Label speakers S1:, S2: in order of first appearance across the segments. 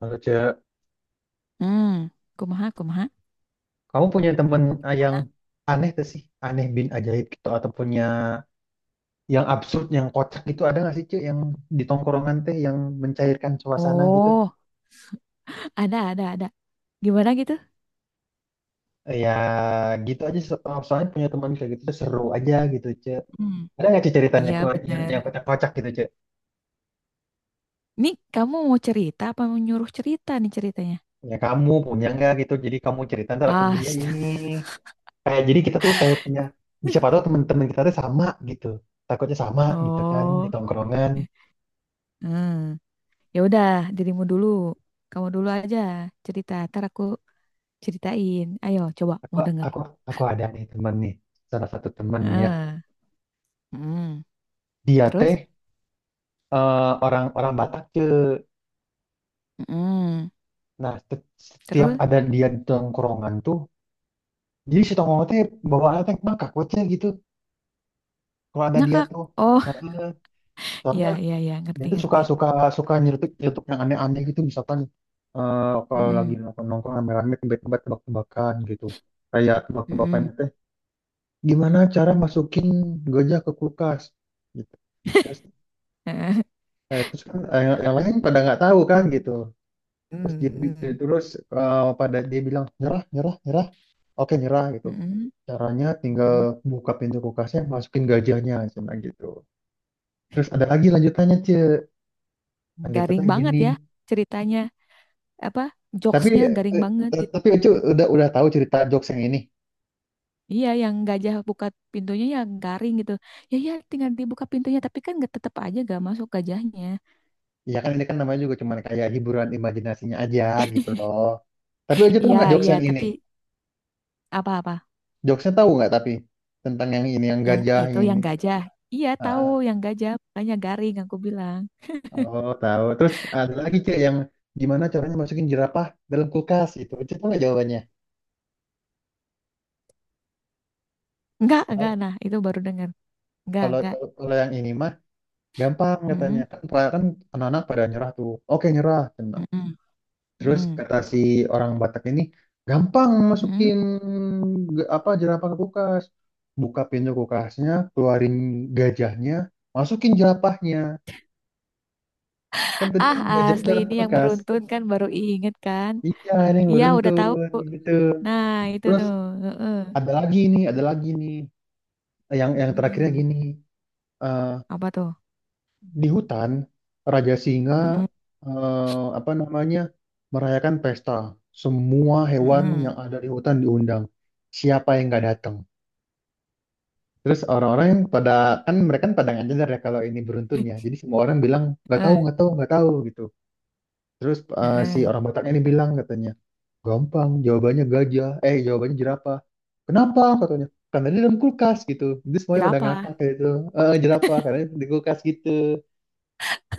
S1: Halo, Ce.
S2: Hmm, kumaha, kumaha.
S1: Kamu punya temen yang
S2: Mana?
S1: aneh tuh sih? Aneh bin ajaib gitu. Atau punya yang absurd, yang kocak gitu. Ada nggak sih, Ce? Yang di tongkrongan teh yang mencairkan suasana gitu?
S2: Oh, ada, ada. Gimana gitu?
S1: Ya, gitu aja. Oh, Soalnya punya teman kayak gitu tuh seru aja gitu, Ce.
S2: Hmm,
S1: Ada nggak sih ceritanya
S2: iya bener.
S1: yang kocak-kocak gitu, Ce?
S2: Nih, kamu mau cerita apa mau nyuruh cerita nih ceritanya?
S1: Ya, kamu punya nggak gitu? Jadi kamu cerita, ntar aku
S2: Ah,
S1: juga ini. Kayak jadi kita tuh kayak punya... Siapa tahu teman-teman kita tuh sama gitu. Takutnya sama gitu kan di
S2: oh.
S1: tongkrongan.
S2: Hmm. Ya udah, dirimu dulu. Kamu dulu aja cerita, ntar aku ceritain. Ayo, coba
S1: Aku
S2: mau denger.
S1: aku ada nih temen nih, salah satu temen nih ya.
S2: Ah, hmm.
S1: Dia teh
S2: Terus?
S1: eh, orang orang Batak ke,
S2: Hmm.
S1: nah setiap
S2: Terus?
S1: ada dia di tongkrongan tuh, jadi si tongkrongan teh bawaannya teh mangkak wece gitu. Kalau ada dia
S2: Ngakak.
S1: tuh,
S2: Oh,
S1: heeh.
S2: iya,
S1: Soalnya
S2: iya, iya,
S1: dia
S2: ngerti,
S1: tuh suka
S2: ngerti.
S1: suka suka nyeletuk nyeletuk yang aneh-aneh gitu, misalkan eh, kalau
S2: Hmm.
S1: lagi nongkrong nongkrong rame-rame tiba-tiba tebak-tebakan gitu. Kayak
S2: Hmm.
S1: tebak-tebakannya teh, gimana cara masukin gajah ke kulkas? Gitu. Terus, nah terus kan yang lain pada nggak tahu kan gitu. Terus
S2: Hmm. Hmm.
S1: terus pada dia bilang nyerah, nyerah, nyerah. Oke, nyerah gitu.
S2: Mm-mm.
S1: Caranya tinggal
S2: Mm-mm.
S1: buka pintu kulkasnya, masukin gajahnya, cuma gitu. Terus ada lagi lanjutannya, Ce. Lanjutannya
S2: Garing banget
S1: gini.
S2: ya ceritanya. Apa
S1: Tapi
S2: jokesnya garing banget gitu.
S1: tapi Ucu udah tahu cerita jokes yang ini.
S2: Iya yang gajah buka pintunya ya garing gitu. Ya, ya, tinggal dibuka pintunya tapi kan nggak tetap aja gak masuk gajahnya.
S1: Ya kan ini kan namanya juga cuman kayak hiburan imajinasinya aja gitu loh. Tapi Ucu tuh
S2: Iya,
S1: nggak jokes
S2: iya,
S1: yang ini.
S2: tapi apa-apa
S1: Jokesnya tahu nggak tapi tentang yang ini yang
S2: yang
S1: gajah
S2: itu
S1: ini.
S2: yang gajah. Iya tahu
S1: Ah.
S2: yang gajah makanya garing aku bilang.
S1: Oh, tahu. Terus ada lagi Cek yang gimana caranya masukin jerapah dalam kulkas gitu. Cek tahu nggak jawabannya?
S2: Enggak,
S1: Tahu.
S2: nah itu baru dengar. Enggak,
S1: Kalau
S2: enggak.
S1: kalau kalau yang ini mah gampang katanya.
S2: Mm-mm.
S1: Kan kan anak-anak pada nyerah tuh. Oke, nyerah. Tenang.
S2: Mm-mm.
S1: Terus
S2: Mm-mm.
S1: kata si orang Batak ini gampang
S2: Mm.
S1: masukin apa jerapah ke kulkas. Buka pintu kulkasnya, keluarin gajahnya, masukin jerapahnya. Kan tadi kan
S2: Ah,
S1: gajahnya
S2: asli
S1: dalam
S2: ini yang
S1: kulkas.
S2: beruntun kan baru inget kan.
S1: Iya, ini yang
S2: Iya udah
S1: beruntun
S2: tahu.
S1: gitu.
S2: Nah, itu
S1: Terus
S2: tuh. Heeh.
S1: ada lagi nih, ada lagi nih, yang terakhirnya
S2: Mm-mm.
S1: gini, eh,
S2: Apa tuh?
S1: di hutan Raja Singa
S2: Mm-mm.
S1: apa namanya merayakan pesta, semua hewan
S2: Mm-mm.
S1: yang ada di hutan diundang, siapa yang nggak datang, terus orang-orang yang pada, kan mereka kan pada nggak nyadar ya kalau ini beruntun ya, jadi semua orang bilang nggak tahu
S2: Eh,
S1: nggak tahu nggak tahu gitu. Terus si
S2: heeh.
S1: orang Bataknya ini bilang katanya gampang jawabannya gajah eh jawabannya jerapah, kenapa katanya, karena dia dalam kulkas gitu. Jadi semuanya pada ngakak
S2: Jerapah.
S1: kayak gitu. Jerapah karena di kulkas gitu.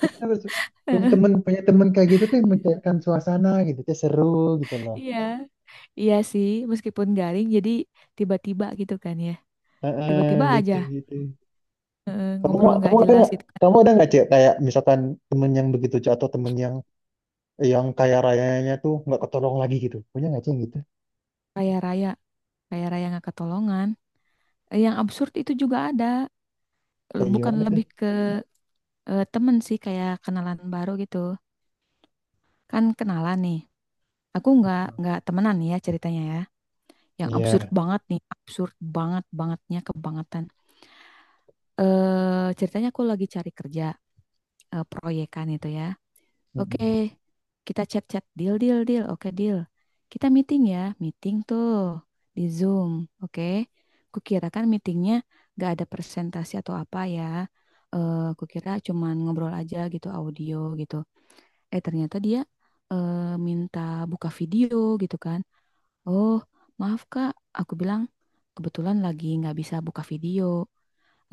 S1: Terus punya temen kayak gitu tuh yang mencairkan suasana gitu tuh seru gitu loh.
S2: Iya, iya sih. Meskipun garing, jadi tiba-tiba gitu kan ya.
S1: Heeh,
S2: Tiba-tiba aja
S1: lucu gitu. Kamu
S2: ngobrol
S1: kamu
S2: nggak
S1: ada
S2: jelas
S1: nggak
S2: gitu kan.
S1: kamu ada nggak cek kayak misalkan temen yang begitu Cek, atau temen yang kaya rayanya tuh nggak ketolong lagi gitu, punya nggak cek yang gitu?
S2: Raya-raya, raya-raya nggak ketolongan. Yang absurd itu juga ada.
S1: Kayak
S2: Bukan
S1: gimana tuh?
S2: lebih ke temen sih, kayak kenalan baru gitu. Kan kenalan nih. Aku nggak temenan nih ya ceritanya ya. Yang absurd
S1: Iya.
S2: banget nih, absurd banget bangetnya kebangetan. Ceritanya aku lagi cari kerja, proyekan itu ya. Oke,
S1: Mm-mm.
S2: kita chat-chat, deal, deal, deal. Oke, deal. Kita meeting ya, meeting tuh di Zoom. Oke. Kukira kan meetingnya gak ada presentasi atau apa ya. Kukira cuman ngobrol aja gitu audio gitu. Ternyata dia eh, minta buka video gitu kan. Oh, maaf Kak, aku bilang, kebetulan lagi nggak bisa buka video,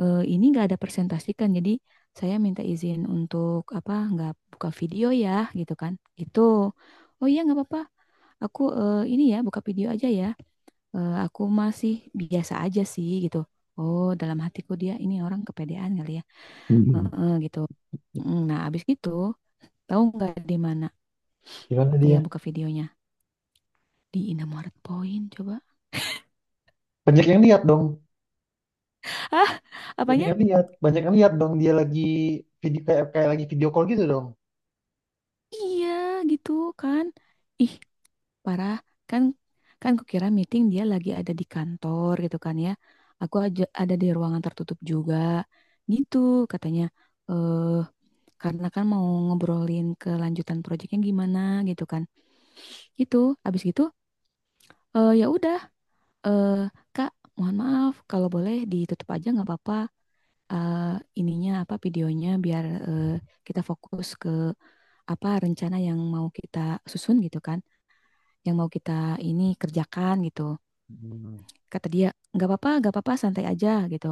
S2: ini nggak ada presentasi kan, jadi saya minta izin untuk apa nggak buka video ya gitu kan. Itu, oh iya nggak apa-apa, aku ini ya buka video aja ya. Aku masih biasa aja sih gitu. Oh, dalam hatiku dia ini orang kepedean kali ya.
S1: Mm-mm.
S2: Heeh, gitu. Nah abis gitu, tahu nggak di mana
S1: Gimana
S2: dia
S1: dia
S2: buka videonya? Di Indomaret Point coba.
S1: banyak yang lihat dong,
S2: Ah, apanya?
S1: banyak yang lihat dong, dia lagi video kayak kayak lagi video call gitu dong.
S2: Iya gitu kan. Ih, parah kan kan kukira meeting dia lagi ada di kantor gitu kan ya. Aku aja ada di ruangan tertutup juga. Gitu katanya. Eh karena kan mau ngobrolin kelanjutan proyeknya gimana gitu kan. Itu habis gitu, ya udah, eh Kak, mohon maaf kalau boleh ditutup aja nggak apa-apa. Eh, ininya apa videonya biar kita fokus ke apa rencana yang mau kita susun gitu kan, yang mau kita ini kerjakan gitu.
S1: Mm.
S2: Kata dia nggak apa-apa, nggak apa-apa, santai aja gitu.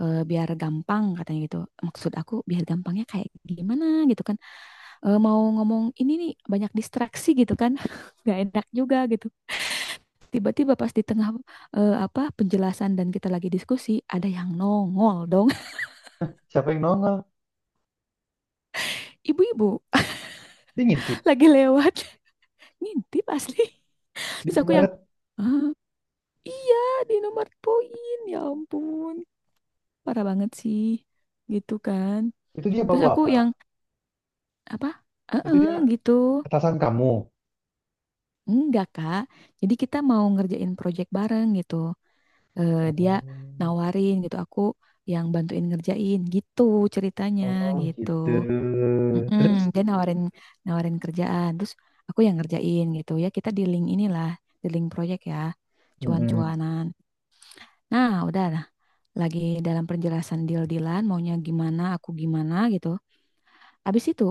S2: Biar gampang katanya gitu, maksud aku biar gampangnya kayak gimana gitu kan. Mau ngomong ini nih banyak distraksi gitu kan nggak enak juga gitu, tiba-tiba pas di tengah apa penjelasan dan kita lagi diskusi ada yang nongol dong.
S1: Siapa yang nongol,
S2: Ibu-ibu
S1: dia ngintip,
S2: lagi lewat ngintip asli.
S1: di
S2: Terus aku yang,
S1: Indomaret.
S2: "Hah? Iya, di nomor poin, ya ampun parah banget sih gitu kan."
S1: Itu dia bawa
S2: Terus aku
S1: bapak,
S2: yang, apa?
S1: itu
S2: Heeh,
S1: dia
S2: gitu.
S1: atasan kamu.
S2: Enggak, Kak. Jadi kita mau ngerjain project bareng gitu. Dia
S1: Oh.
S2: nawarin gitu, aku yang bantuin ngerjain gitu ceritanya
S1: Oh
S2: gitu.
S1: gitu.
S2: Mm-mm,
S1: Terus,
S2: dia nawarin, nawarin kerjaan, terus aku yang ngerjain gitu. Ya kita di link inilah, di link project ya.
S1: mm-mm.
S2: Cuan-cuanan. Nah, udah lah. Lagi dalam penjelasan deal-dealan maunya gimana, aku gimana gitu. Abis itu,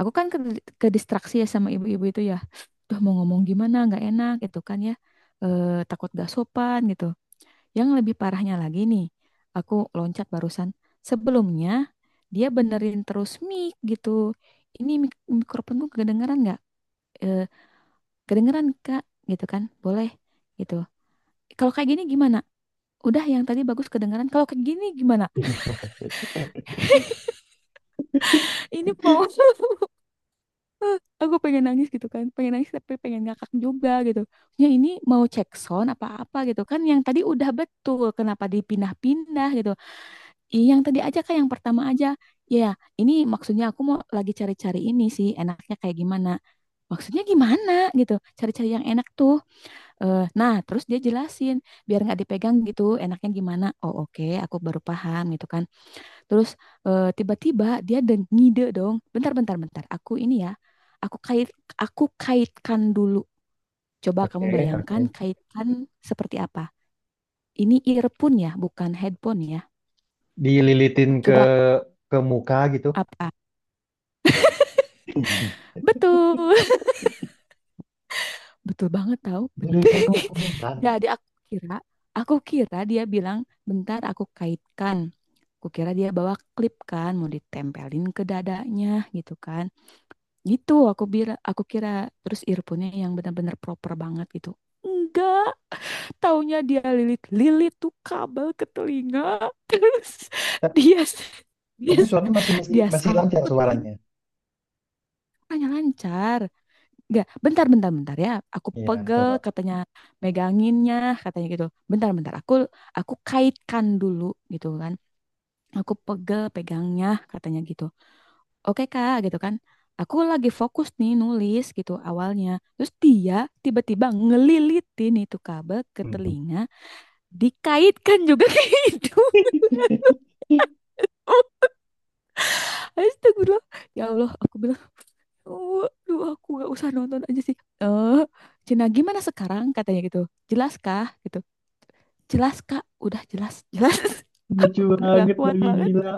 S2: aku kan ke distraksi ya sama ibu-ibu itu ya. Tuh mau ngomong gimana nggak enak gitu kan ya. Takut gak sopan gitu. Yang lebih parahnya lagi nih. Aku loncat barusan. Sebelumnya dia benerin terus mic gitu. Ini mikrofonku kedengeran nggak? Eh, kedengeran Kak gitu kan. Boleh gitu. Kalau kayak gini gimana? Udah yang tadi bagus kedengeran. Kalau kayak gini gimana? Ini mau, aku pengen nangis gitu kan, pengen nangis tapi pengen ngakak juga gitu. Ya, ini mau cek sound apa-apa gitu kan, yang tadi udah betul kenapa dipindah-pindah gitu. Iya yang tadi aja kan, yang pertama aja ya. Ini maksudnya aku mau lagi cari-cari ini sih enaknya kayak gimana, maksudnya gimana gitu, cari-cari yang enak tuh. Nah terus dia jelasin biar nggak dipegang gitu enaknya gimana, oh oke aku baru paham gitu kan. Terus tiba-tiba dia ada ngide dong. Bentar, bentar, bentar. Aku ini ya, aku kait, aku kaitkan dulu. Coba kamu
S1: Oke, oke.
S2: bayangkan kaitkan seperti apa. Ini earphone ya, bukan headphone ya.
S1: Dililitin
S2: Coba
S1: ke muka gitu.
S2: apa? Betul, betul banget tahu.
S1: Dililitin
S2: Betul.
S1: ke muka beneran.
S2: Jadi aku kira dia bilang, bentar aku kaitkan. Aku kira dia bawa klip kan, mau ditempelin ke dadanya gitu kan. Gitu aku kira, aku kira terus earphone-nya yang benar-benar proper banget gitu. Enggak, taunya dia lilit-lilit tuh kabel ke telinga. Terus
S1: Ta-
S2: dia dia
S1: Tapi suaranya masih masih
S2: dia
S1: masih lancar
S2: sautin
S1: suaranya.
S2: katanya lancar. Enggak, bentar, bentar, bentar ya. Aku
S1: Iya,
S2: pegel
S1: coba.
S2: katanya meganginnya katanya gitu. Bentar, bentar, aku kaitkan dulu gitu kan. Aku pegel pegangnya katanya gitu. Oke Kak gitu kan, aku lagi fokus nih nulis gitu awalnya, terus dia tiba-tiba ngelilitin itu kabel ke
S1: Mhm.
S2: telinga, dikaitkan juga ke hidung. Astagfirullah ya Allah, aku bilang, oh duh, aku gak usah nonton aja sih. eh Cina gimana sekarang katanya gitu, jelas kah gitu. Jelas Kak, udah jelas, jelas.
S1: Lucu
S2: Aku udah gak
S1: banget
S2: kuat
S1: lagi
S2: banget.
S1: gila.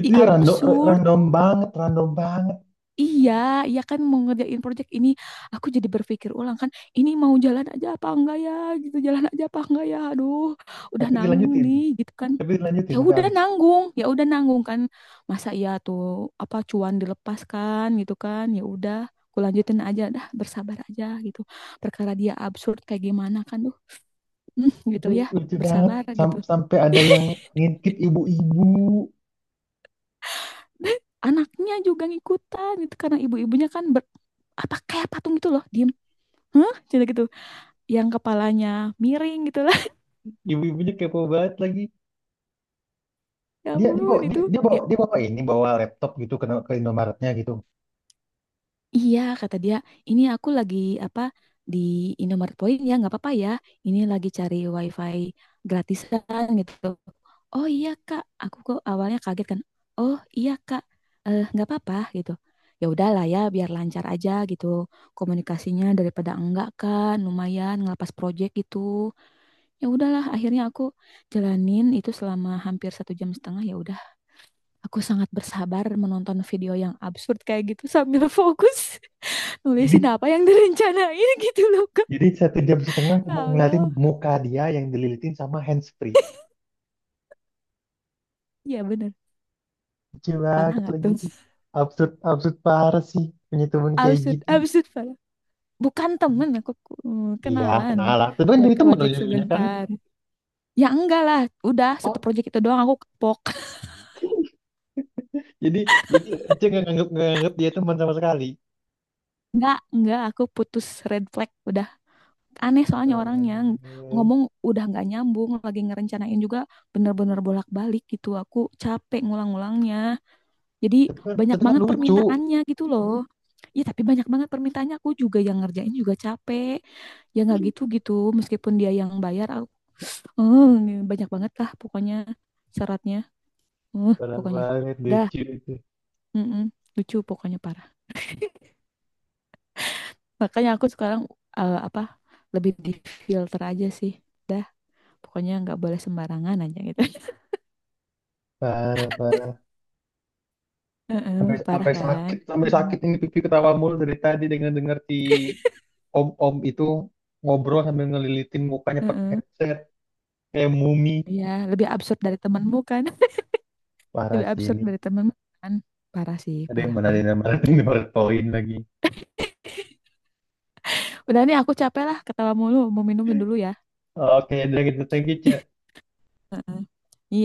S1: Itu
S2: Ih,
S1: ya random,
S2: absurd.
S1: random banget.
S2: Iya, iya kan mau ngerjain project ini, aku jadi berpikir ulang kan, ini mau jalan aja apa enggak ya, gitu, jalan aja apa enggak ya, aduh, udah
S1: Tapi
S2: nanggung
S1: dilanjutin.
S2: nih, gitu kan.
S1: Tapi dilanjutin sampai habis.
S2: Ya udah nanggung kan, masa iya tuh apa cuan dilepaskan gitu kan, ya udah, aku lanjutin aja, dah bersabar aja gitu. Perkara dia absurd kayak gimana kan, tuh, gitu
S1: Tapi
S2: ya,
S1: lucu banget.
S2: bersabar gitu.
S1: Sampai ada yang ngintip ibu-ibu.
S2: Anaknya juga ngikutan gitu karena ibu-ibunya kan apa kayak patung gitu loh, diem, hah, Cina gitu. Yang kepalanya miring gitu lah.
S1: Ibu-ibunya kepo banget lagi.
S2: Ya ampun itu. Ya,
S1: Dia bawa ini bawa laptop gitu ke Indomaretnya gitu.
S2: iya kata dia, ini aku lagi apa di Indomaret Point ya nggak apa-apa ya. Ini lagi cari WiFi gratisan gitu. Oh iya Kak, aku kok awalnya kaget kan. Oh iya Kak, nggak apa-apa gitu. Ya udahlah ya, biar lancar aja gitu komunikasinya daripada enggak kan, lumayan ngelepas project gitu. Ya udahlah, akhirnya aku jalanin itu selama hampir satu jam setengah, ya udah. Aku sangat bersabar menonton video yang absurd kayak gitu sambil fokus nulisin
S1: jadi
S2: apa yang direncanain gitu loh Kak.
S1: jadi satu jam setengah cuma
S2: Ya
S1: ngeliatin
S2: Allah.
S1: muka dia yang dililitin sama handsfree,
S2: Ya bener.
S1: lucu
S2: Parah
S1: banget
S2: nggak
S1: lagi
S2: tuh?
S1: tuh. Absurd, absurd parah sih, punya temen kayak
S2: Absurd,
S1: gitu.
S2: absurd parah. Bukan temen aku,
S1: Iya
S2: kenalan
S1: kenal lah tapi kan
S2: buat
S1: jadi temen
S2: project
S1: ujung-ujungnya kan.
S2: sebentar. Ya enggak lah, udah satu
S1: Oh
S2: project itu doang aku kepok.
S1: jadi jadi Ece nggak nganggep dia teman sama sekali.
S2: Enggak, aku putus red flag udah. Aneh soalnya
S1: Parah
S2: orangnya
S1: banget.
S2: ngomong udah nggak nyambung, lagi ngerencanain juga bener-bener bolak-balik gitu. Aku capek ngulang-ngulangnya. Jadi
S1: Tapi kan,
S2: banyak
S1: tapi kan
S2: banget
S1: lucu,
S2: permintaannya gitu loh. Iya tapi banyak banget permintaannya, aku juga yang ngerjain juga capek. Ya nggak gitu-gitu meskipun dia yang bayar aku. "Eh, ini banyak banget lah pokoknya syaratnya. Eh,
S1: parah
S2: pokoknya."
S1: banget
S2: Dah,
S1: lucu itu.
S2: mm-mm, lucu pokoknya parah. Makanya aku sekarang, apa lebih di filter aja sih. Dah, pokoknya nggak boleh sembarangan aja gitu.
S1: Parah, parah.
S2: Heeh,
S1: Sampai,
S2: parah kan?
S1: sampai
S2: Mm,
S1: sakit ini pipi ketawa mulu dari tadi dengan dengar si om-om itu ngobrol sambil ngelilitin mukanya pakai
S2: heeh.
S1: headset kayak mumi.
S2: Iya, lebih absurd dari temenmu kan?
S1: Parah
S2: Lebih
S1: sih
S2: absurd
S1: ini.
S2: dari temen kan, parah sih, parah
S1: Ada
S2: kan.
S1: yang mana poin lagi.
S2: Udah nih, aku capek lah ketawa mulu mau minum dulu ya.
S1: Oke, udah gitu. Thank you, Ci.
S2: Iya.